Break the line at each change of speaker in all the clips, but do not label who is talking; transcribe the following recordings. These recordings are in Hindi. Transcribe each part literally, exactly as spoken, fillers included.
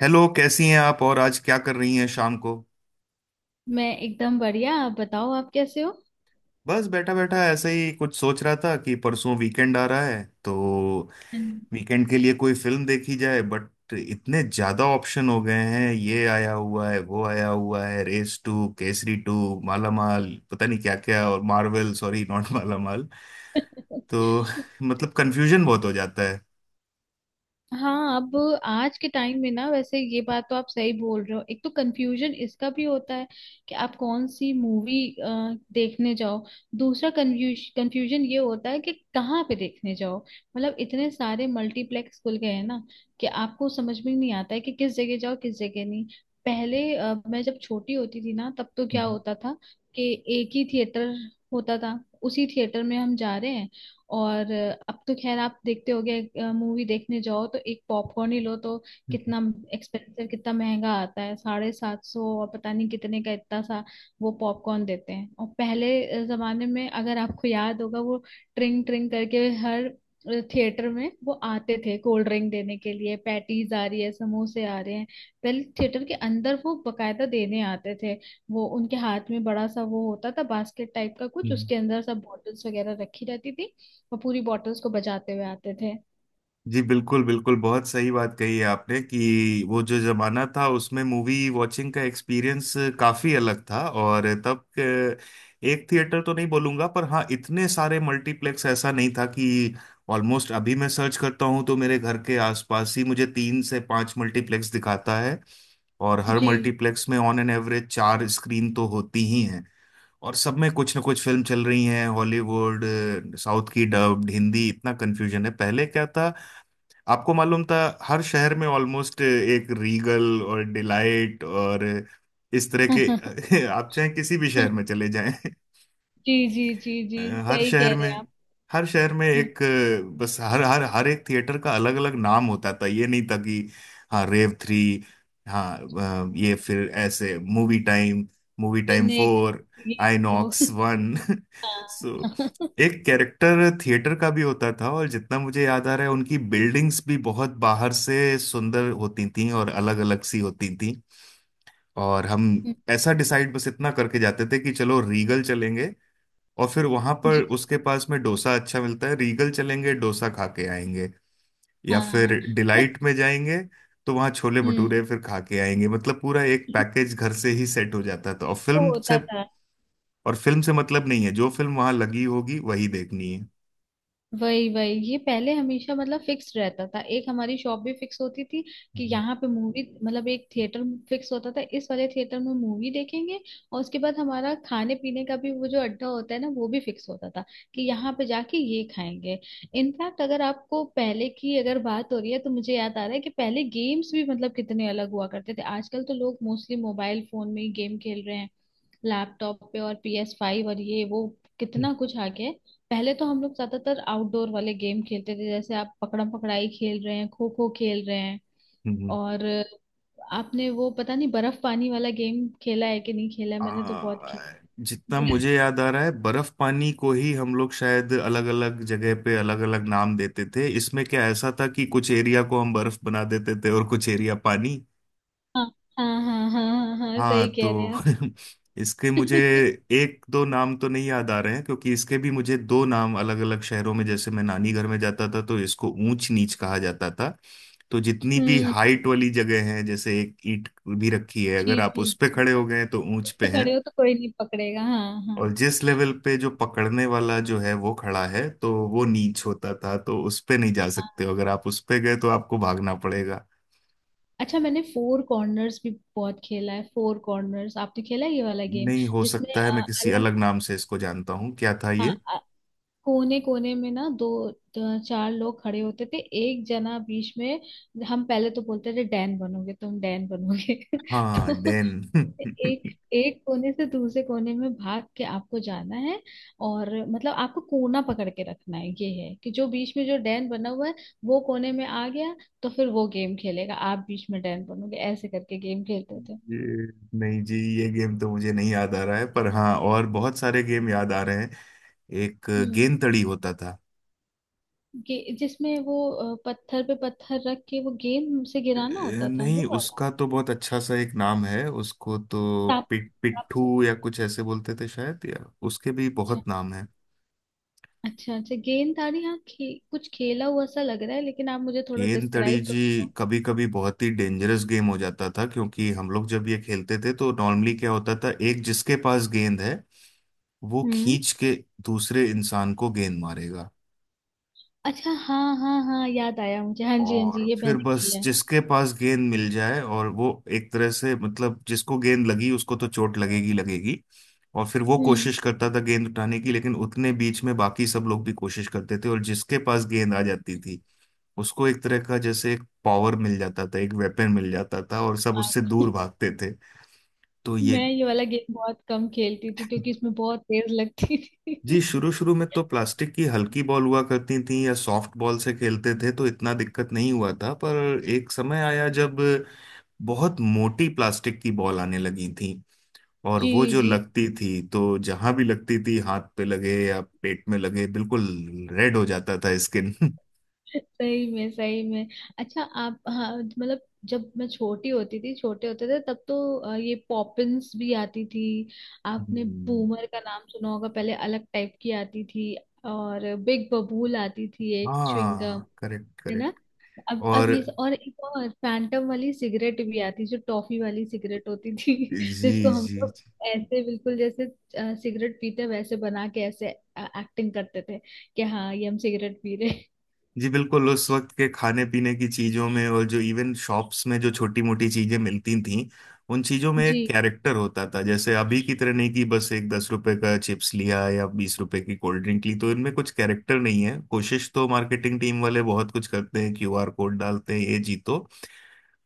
हेलो, कैसी हैं आप? और आज क्या कर रही हैं शाम को?
मैं एकदम बढ़िया। आप बताओ, आप कैसे हो।
बस बैठा बैठा ऐसे ही कुछ सोच रहा था कि परसों वीकेंड आ रहा है तो
हम्म।
वीकेंड के लिए कोई फिल्म देखी जाए, बट इतने ज्यादा ऑप्शन हो गए हैं। ये आया हुआ है, वो आया हुआ है, रेस टू, केसरी टू, माला माल, पता नहीं क्या क्या, और मार्वल, सॉरी नॉट माला माल। तो मतलब कंफ्यूजन बहुत हो जाता है।
हाँ, अब आज के टाइम में ना, वैसे ये बात तो आप सही बोल रहे हो। एक तो कंफ्यूजन इसका भी होता है कि आप कौन सी मूवी देखने जाओ। दूसरा कंफ्यूज कंफ्यूजन ये होता है कि कहाँ पे देखने जाओ। मतलब इतने सारे मल्टीप्लेक्स खुल गए हैं ना कि आपको समझ में नहीं आता है कि किस जगह जाओ, किस जगह नहीं। पहले अ, मैं जब छोटी होती थी ना, तब तो क्या होता था कि एक ही थिएटर होता था। उसी थिएटर में हम जा रहे हैं। और अब तो खैर, आप देखते होगे, मूवी देखने जाओ तो एक पॉपकॉर्न ही लो तो कितना एक्सपेंसिव, कितना महंगा आता है, साढ़े सात सौ और पता नहीं कितने का, इतना सा वो पॉपकॉर्न देते हैं। और पहले अ, जमाने में, अगर आपको याद होगा, वो ट्रिंग ट्रिंग करके हर थिएटर में वो आते थे कोल्ड ड्रिंक देने के लिए। पैटीज आ रही है, समोसे आ रहे हैं, पहले थिएटर के अंदर वो बकायदा देने आते थे। वो उनके हाथ में बड़ा सा वो होता था, बास्केट टाइप का कुछ,
हम्म।
उसके अंदर सब बॉटल्स वगैरह रखी रहती थी। वो पूरी बॉटल्स को बचाते हुए आते थे।
जी, बिल्कुल बिल्कुल, बहुत सही बात कही है आपने कि वो जो जमाना था उसमें मूवी वॉचिंग का एक्सपीरियंस काफी अलग था। और तब के- एक थिएटर तो नहीं बोलूंगा, पर हाँ, इतने सारे मल्टीप्लेक्स ऐसा नहीं था कि ऑलमोस्ट। अभी मैं सर्च करता हूँ तो मेरे घर के आसपास ही मुझे तीन से पांच मल्टीप्लेक्स दिखाता है। और हर
जी।
मल्टीप्लेक्स में ऑन एन एवरेज चार स्क्रीन तो होती ही हैं। और सब में कुछ ना कुछ फिल्म चल रही हैं, हॉलीवुड, साउथ की डब्ड, हिंदी, इतना कन्फ्यूजन है। पहले क्या था? आपको मालूम था, हर शहर में ऑलमोस्ट एक रीगल और डिलाइट और इस तरह के आप चाहे किसी भी शहर में चले जाएं,
जी जी जी
अ,
जी,
हर
सही
शहर
कह रहे हैं
में
आप।
हर शहर में
हम्म,
एक, अ, बस हर हर हर एक थिएटर का अलग अलग नाम होता था, ये नहीं था कि हाँ, रेव थ्री, हाँ, अ, ये फिर ऐसे मूवी टाइम, मूवी टाइम
फिर एक
फोर,
ये वो।
आईनॉक्स वन सो
हाँ।
एक कैरेक्टर थिएटर का भी होता था, और जितना मुझे याद आ रहा है उनकी बिल्डिंग्स भी बहुत बाहर से सुंदर होती थी और अलग अलग सी होती थी। और हम ऐसा डिसाइड बस इतना करके जाते थे कि चलो रीगल चलेंगे, और फिर वहां पर
जी
उसके पास में डोसा अच्छा मिलता है, रीगल चलेंगे, डोसा खा के आएंगे। या
हाँ,
फिर
मतलब
डिलाइट में जाएंगे तो वहाँ छोले
हम्म।
भटूरे फिर खा के आएंगे। मतलब पूरा एक पैकेज घर से ही सेट हो जाता है तो। और
वो
फिल्म
होता
से,
था।
और फिल्म से मतलब नहीं है, जो फिल्म वहां लगी होगी वही देखनी है।
वही वही, ये पहले हमेशा मतलब फिक्स रहता था। एक हमारी शॉप भी फिक्स होती थी कि
हम्म।
यहाँ पे मूवी मतलब एक थिएटर फिक्स होता था, इस वाले थिएटर में मूवी देखेंगे। और उसके बाद हमारा खाने पीने का भी वो जो अड्डा होता है ना, वो भी फिक्स होता था कि यहाँ पे जाके ये खाएंगे। इनफैक्ट अगर आपको पहले की अगर बात हो रही है तो मुझे याद आ रहा है कि पहले गेम्स भी मतलब कितने अलग हुआ करते थे। आजकल तो लोग मोस्टली मोबाइल फोन में ही गेम खेल रहे हैं, लैपटॉप पे, और PS5 फाइव और ये वो, कितना कुछ आ गया है। पहले तो हम लोग ज्यादातर आउटडोर वाले गेम खेलते थे, जैसे आप पकड़म पकड़ाई खेल रहे हैं, खो खो खेल रहे हैं।
हम्म।
और आपने वो पता नहीं बर्फ पानी वाला गेम खेला है कि नहीं खेला है, मैंने तो बहुत
आ, जितना
खेला है।
मुझे याद आ रहा है बर्फ पानी को ही हम लोग शायद अलग अलग जगह पे अलग अलग नाम देते थे। इसमें क्या ऐसा था कि कुछ एरिया को हम बर्फ बना देते थे और कुछ एरिया पानी।
हाँ, हाँ हाँ हाँ हाँ हाँ, सही
हाँ,
कह रहे
तो
हैं आप।
इसके मुझे एक दो नाम तो नहीं याद आ रहे हैं, क्योंकि इसके भी मुझे दो नाम अलग अलग शहरों में। जैसे मैं नानी घर में जाता था तो इसको ऊंच नीच कहा जाता था। तो जितनी भी
हम्म।
हाइट वाली जगह है, जैसे एक ईंट भी रखी है, अगर
जी
आप
जी
उस पे
जी।
खड़े हो गए तो ऊंच पे
तो खड़े
हैं।
हो तो कोई नहीं पकड़ेगा, हाँ हाँ।
और जिस लेवल पे जो पकड़ने वाला जो है वो खड़ा है, तो वो नीच होता था, तो उस पे नहीं जा सकते
हाँ,
हो, अगर आप उस पे गए तो आपको भागना पड़ेगा।
अच्छा, मैंने फोर कॉर्नर्स भी बहुत खेला है। फोर कॉर्नर्स आपने खेला है, ये वाला गेम
नहीं, हो
जिसमें
सकता है मैं
अ,
किसी
अलग,
अलग नाम से इसको जानता हूँ। क्या था?
हाँ, आ- कोने कोने में ना दो, द- चार लोग खड़े होते थे, एक जना बीच में। हम पहले तो बोलते थे, डैन बनोगे तुम, डैन बनोगे।
हाँ,
तो
डेन
एक एक कोने से दूसरे कोने में भाग के आपको जाना है। और मतलब आपको कोना पकड़ के रखना है। ये है कि जो बीच में जो डैन बना हुआ है, वो कोने में आ गया तो फिर वो गेम खेलेगा, आप बीच में डैन बनोगे, ऐसे करके गेम खेलते थे।
ये, नहीं जी, ये गेम तो मुझे नहीं याद आ रहा है, पर हाँ, और बहुत सारे गेम याद आ रहे हैं। एक
हम्म।
गेंद तड़ी होता था।
गे- जिसमें वो अ, पत्थर पे पत्थर रख के वो गेंद से
अ,
गिराना होता था, वो
नहीं,
वाला
उसका तो बहुत अच्छा सा एक नाम है, उसको तो
टाप
पिट
टाप?
पिट्ठू या कुछ ऐसे बोलते थे शायद, या उसके भी
अच्छा,
बहुत नाम है।
अच्छा अच्छा, गेंददारी, हाँ, खे, कुछ खेला हुआ सा लग रहा है, लेकिन आप मुझे थोड़ा
गेंद तड़ी
डिस्क्राइब
जी।
करो।
कभी कभी बहुत ही डेंजरस गेम हो जाता था, क्योंकि हम लोग जब ये खेलते थे तो नॉर्मली क्या होता था, एक जिसके पास गेंद है वो
हम्म।
खींच के दूसरे इंसान को गेंद मारेगा।
अच्छा, हाँ हाँ हाँ, याद आया मुझे। हाँ जी हाँ जी,
और
ये
फिर
मैंने
बस
खेला है।
जिसके पास गेंद मिल जाए, और वो एक तरह से, मतलब जिसको गेंद लगी उसको तो चोट लगेगी लगेगी। और फिर वो
हम्म।
कोशिश करता था गेंद उठाने की, लेकिन उतने बीच में बाकी सब लोग भी कोशिश करते थे, और जिसके पास गेंद आ जाती थी उसको एक तरह का जैसे एक पावर मिल जाता था, एक वेपन मिल जाता था, और सब
और-
उससे दूर भागते थे। तो ये
मैं ये वाला गेम बहुत कम खेलती थी क्योंकि इसमें बहुत तेज लगती थी।
जी, शुरू शुरू में तो प्लास्टिक की हल्की बॉल हुआ करती थी या सॉफ्ट बॉल से खेलते थे तो इतना दिक्कत नहीं हुआ था, पर एक समय आया जब बहुत मोटी प्लास्टिक की बॉल आने लगी थी, और
जी
वो जो
जी,
लगती थी, तो जहां भी लगती थी, हाथ पे लगे या पेट में लगे, बिल्कुल रेड हो जाता था स्किन
सही में, सही में। अच्छा, आप, हाँ, मतलब जब मैं छोटी होती थी, छोटे होते थे, तब तो अ, ये पॉपिंस भी आती थी। आपने
हम्म।
बूमर का नाम सुना होगा, पहले अलग टाइप की आती थी। और बिग बबूल आती थी, एक
हाँ,
च्युइंगम,
करेक्ट
है ना।
करेक्ट।
अब अब
और
ये, और एक और फैंटम वाली सिगरेट भी आती, जो टॉफी वाली सिगरेट होती थी,
जी
जिसको हम
जी
लोग
जी
ऐसे बिल्कुल जैसे अ, सिगरेट पीते, वैसे बना के ऐसे एक्टिंग करते थे कि हाँ, ये हम सिगरेट पी रहे हैं।
जी। बिल्कुल, उस वक्त के खाने पीने की चीजों में, और जो इवन शॉप्स में जो छोटी मोटी चीजें मिलती थीं, उन चीजों में एक
जी।
कैरेक्टर होता था। जैसे अभी की तरह नहीं कि बस एक दस रुपए का चिप्स लिया या बीस रुपए की कोल्ड ड्रिंक ली तो इनमें कुछ कैरेक्टर नहीं है। कोशिश तो मार्केटिंग टीम वाले बहुत कुछ करते हैं, क्यू आर कोड डालते हैं, ये जीतो।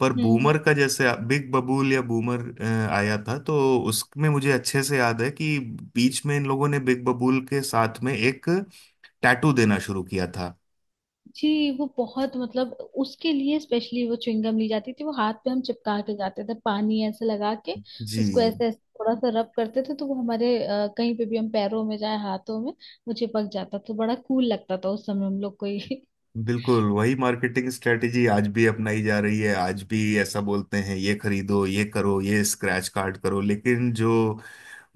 पर
हम्म।
बूमर का, जैसे बिग बबूल या बूमर अ, आया था, तो उसमें मुझे अच्छे से याद है कि बीच में इन लोगों ने बिग बबूल के साथ में एक टैटू देना शुरू किया था।
जी, वो बहुत मतलब उसके लिए स्पेशली वो च्युइंगम ली जाती थी। वो हाथ पे हम चिपका के जाते थे, पानी ऐसे लगा के उसको
जी,
ऐसे ऐसे थोड़ा सा रब करते थे तो वो हमारे अ, कहीं पे भी, हम पैरों में जाए, हाथों में, वो चिपक जाता तो बड़ा कूल लगता था उस समय हम लोग को ये।
बिल्कुल वही मार्केटिंग स्ट्रेटेजी आज भी अपनाई जा रही है। आज भी ऐसा बोलते हैं ये खरीदो, ये करो, ये स्क्रैच कार्ड करो, लेकिन जो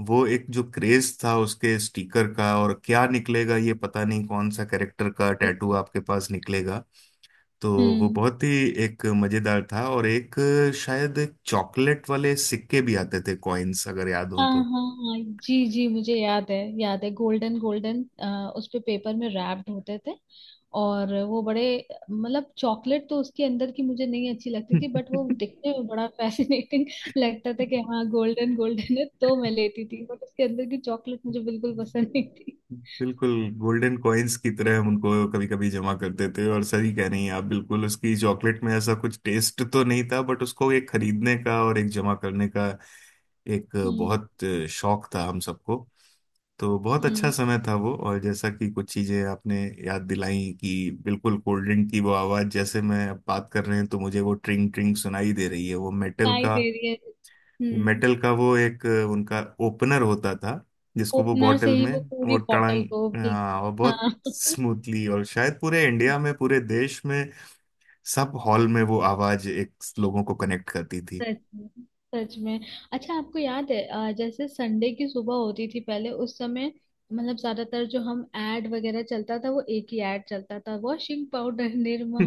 वो एक जो क्रेज था उसके स्टिकर का, और क्या निकलेगा ये पता नहीं, कौन सा कैरेक्टर का टैटू आपके पास निकलेगा। तो वो
हम्म।
बहुत ही एक मजेदार था। और एक शायद चॉकलेट वाले सिक्के भी आते थे, कॉइन्स, अगर याद हो
हाँ
तो
हाँ हाँ, जी जी, मुझे याद है, याद है, गोल्डन गोल्डन। उस पे पेपर में रैप्ड होते थे। और वो बड़े मतलब, चॉकलेट तो उसके अंदर की मुझे नहीं अच्छी लगती थी, बट वो दिखने में बड़ा फैसिनेटिंग लगता था कि हाँ, गोल्डन गोल्डन है, तो मैं लेती थी, बट उसके अंदर की चॉकलेट मुझे बिल्कुल पसंद नहीं थी।
बिल्कुल, गोल्डन कॉइन्स की तरह हम उनको कभी कभी जमा करते थे, और सही कह रही हैं आप, बिल्कुल उसकी चॉकलेट में ऐसा कुछ टेस्ट तो नहीं था, बट उसको एक खरीदने का और एक जमा करने का एक
हम्म।
बहुत शौक था हम सबको। तो बहुत अच्छा
हम्म,
समय था वो। और जैसा कि कुछ चीजें आपने याद दिलाई कि बिल्कुल कोल्ड ड्रिंक की वो आवाज, जैसे मैं अब बात कर रहे हैं तो मुझे वो ट्रिंग ट्रिंग सुनाई दे रही है, वो मेटल
सुनाई
का,
दे रही है। हम्म।
मेटल का वो एक उनका ओपनर होता था जिसको वो
ओपनर से
बॉटल
ही
में,
वो
वो
पूरी बॉटल
टड़ंग।
को बिल-।
हाँ, और बहुत
हाँ।
स्मूथली और शायद पूरे इंडिया में, पूरे देश में सब हॉल में वो आवाज एक लोगों को कनेक्ट करती थी
सच में, सच में। अच्छा, आपको याद है अ, जैसे संडे की सुबह होती थी पहले उस समय, मतलब ज्यादातर जो हम एड वगैरह चलता था, वो एक ही एड चलता था, वॉशिंग पाउडर निरमा,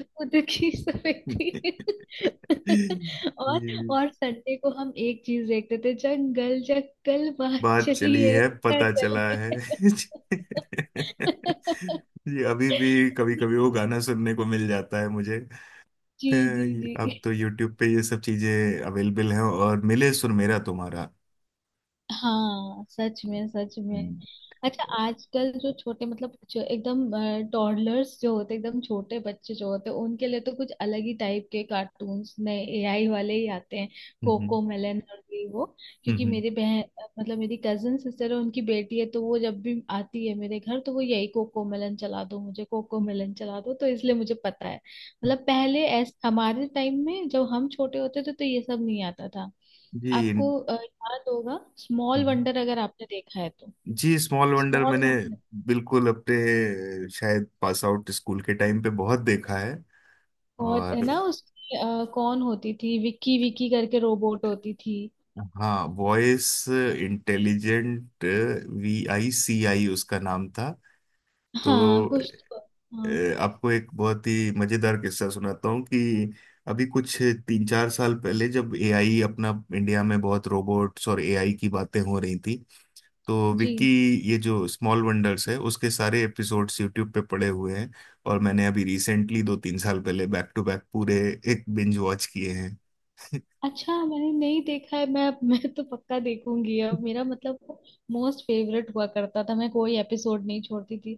दूध की सफेदी। और
ये
और संडे को हम एक चीज देखते थे, जंगल जंगल बात
बात चली
चलिए,
है,
पता
पता चला
चले।
है जी, अभी भी कभी कभी वो गाना सुनने को मिल जाता है मुझे। अ,
जी जी
ये-
जी।
अब तो YouTube पे ये सब चीजें अवेलेबल हैं, और मिले सुर मेरा तुम्हारा।
हाँ, सच में, सच में।
हम्म।
अच्छा, आजकल जो छोटे मतलब, जो एकदम टॉडलर्स जो होते, एकदम छोटे बच्चे जो होते, उनके लिए तो कुछ अलग ही टाइप के कार्टून्स, नए एआई वाले ही आते हैं,
हम्म।
कोको मेलन और ये वो। क्योंकि
हम्म।
मेरी बहन मतलब मेरी कजन सिस्टर है, उनकी बेटी है, तो वो जब भी आती है मेरे घर, तो वो यही कोको मेलन चला दो, मुझे कोको मेलन चला दो, तो इसलिए मुझे पता है। मतलब पहले ऐस, हमारे टाइम में जब हम छोटे होते थे, तो ये सब नहीं आता था। आपको
जी।
अ, याद होगा स्मॉल
हम्म।
वंडर, अगर आपने देखा है तो।
जी, स्मॉल वंडर
स्मॉल
मैंने
वंडर
बिल्कुल अपने शायद पास आउट स्कूल के टाइम पे बहुत देखा है।
बहुत, है
और
ना, उसमें अ, कौन होती थी, विक्की विक्की करके रोबोट होती थी।
हाँ, voice intelligent, V I C I उसका नाम था।
हाँ,
तो
कुछ तो। हाँ,
अ, आपको एक बहुत ही मजेदार किस्सा सुनाता हूँ कि अभी कुछ तीन चार साल पहले जब ए आई अपना, इंडिया में बहुत रोबोट्स और ए आई की बातें हो रही थी, तो
जी।
विकी, ये जो स्मॉल वंडर्स है उसके सारे एपिसोड्स यूट्यूब पे पड़े हुए हैं। और मैंने अभी रिसेंटली दो तीन साल पहले बैक टू बैक पूरे एक बिंज वॉच किए हैं
अच्छा, मैंने नहीं देखा है मैं। मैं तो पक्का देखूंगी अब, मेरा मतलब मोस्ट फेवरेट हुआ करता था, मैं कोई एपिसोड नहीं छोड़ती थी।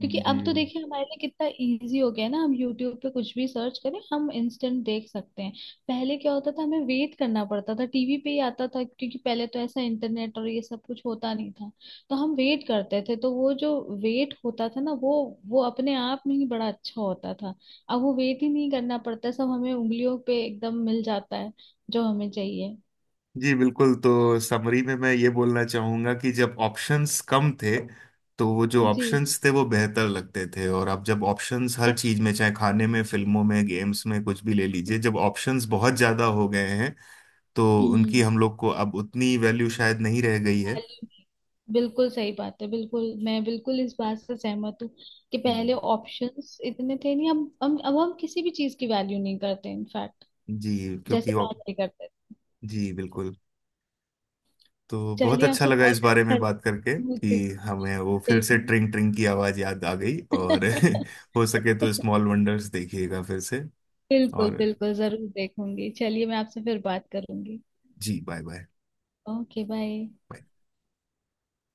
क्योंकि
जी।
अब तो देखिए, हमारे लिए कितना इजी हो गया है ना, हम यूट्यूब पे कुछ भी सर्च करें, हम इंस्टेंट देख सकते हैं। पहले क्या होता था, हमें वेट करना पड़ता था, टीवी पे ही आता था, क्योंकि पहले तो ऐसा इंटरनेट और ये सब कुछ होता नहीं था। तो हम वेट करते थे, तो वो जो वेट होता था ना, वो वो अपने आप में ही बड़ा अच्छा होता था। अब वो वेट ही नहीं करना पड़ता, सब हमें उंगलियों पे एकदम मिल जाता है जो हमें चाहिए।
जी, बिल्कुल। तो समरी में मैं ये बोलना चाहूंगा कि जब ऑप्शंस कम थे तो वो जो
जी।
ऑप्शंस थे वो बेहतर लगते थे, और अब जब ऑप्शंस हर
सच।
चीज में, चाहे खाने में, फिल्मों में, गेम्स में, कुछ भी ले लीजिए, जब ऑप्शंस बहुत ज्यादा हो गए हैं तो उनकी
हम्म।
हम लोग को अब उतनी वैल्यू शायद नहीं रह गई है।
value नहीं। बिल्कुल सही बात है, बिल्कुल, मैं बिल्कुल इस बात से सहमत हूँ कि पहले
हम्म।
ऑप्शंस इतने थे नहीं। अब हम अब हम किसी भी चीज की वैल्यू नहीं करते इनफैक्ट,
जी,
जैसे
क्योंकि ऑप-
पहले करते थे।
जी, बिल्कुल। तो बहुत
चलिए,
अच्छा
आपसे
लगा इस
बहुत
बारे
अच्छा
में बात करके
लगा।
कि
मुझे,
हमें वो फिर
मुझे
से
भी।
ट्रिंग ट्रिंग की आवाज याद आ गई, और हो सके तो स्मॉल वंडर्स देखिएगा फिर से।
बिल्कुल
और
बिल्कुल, जरूर देखूंगी। चलिए, मैं आपसे फिर बात करूंगी।
जी, बाय बाय।
Okay, bye.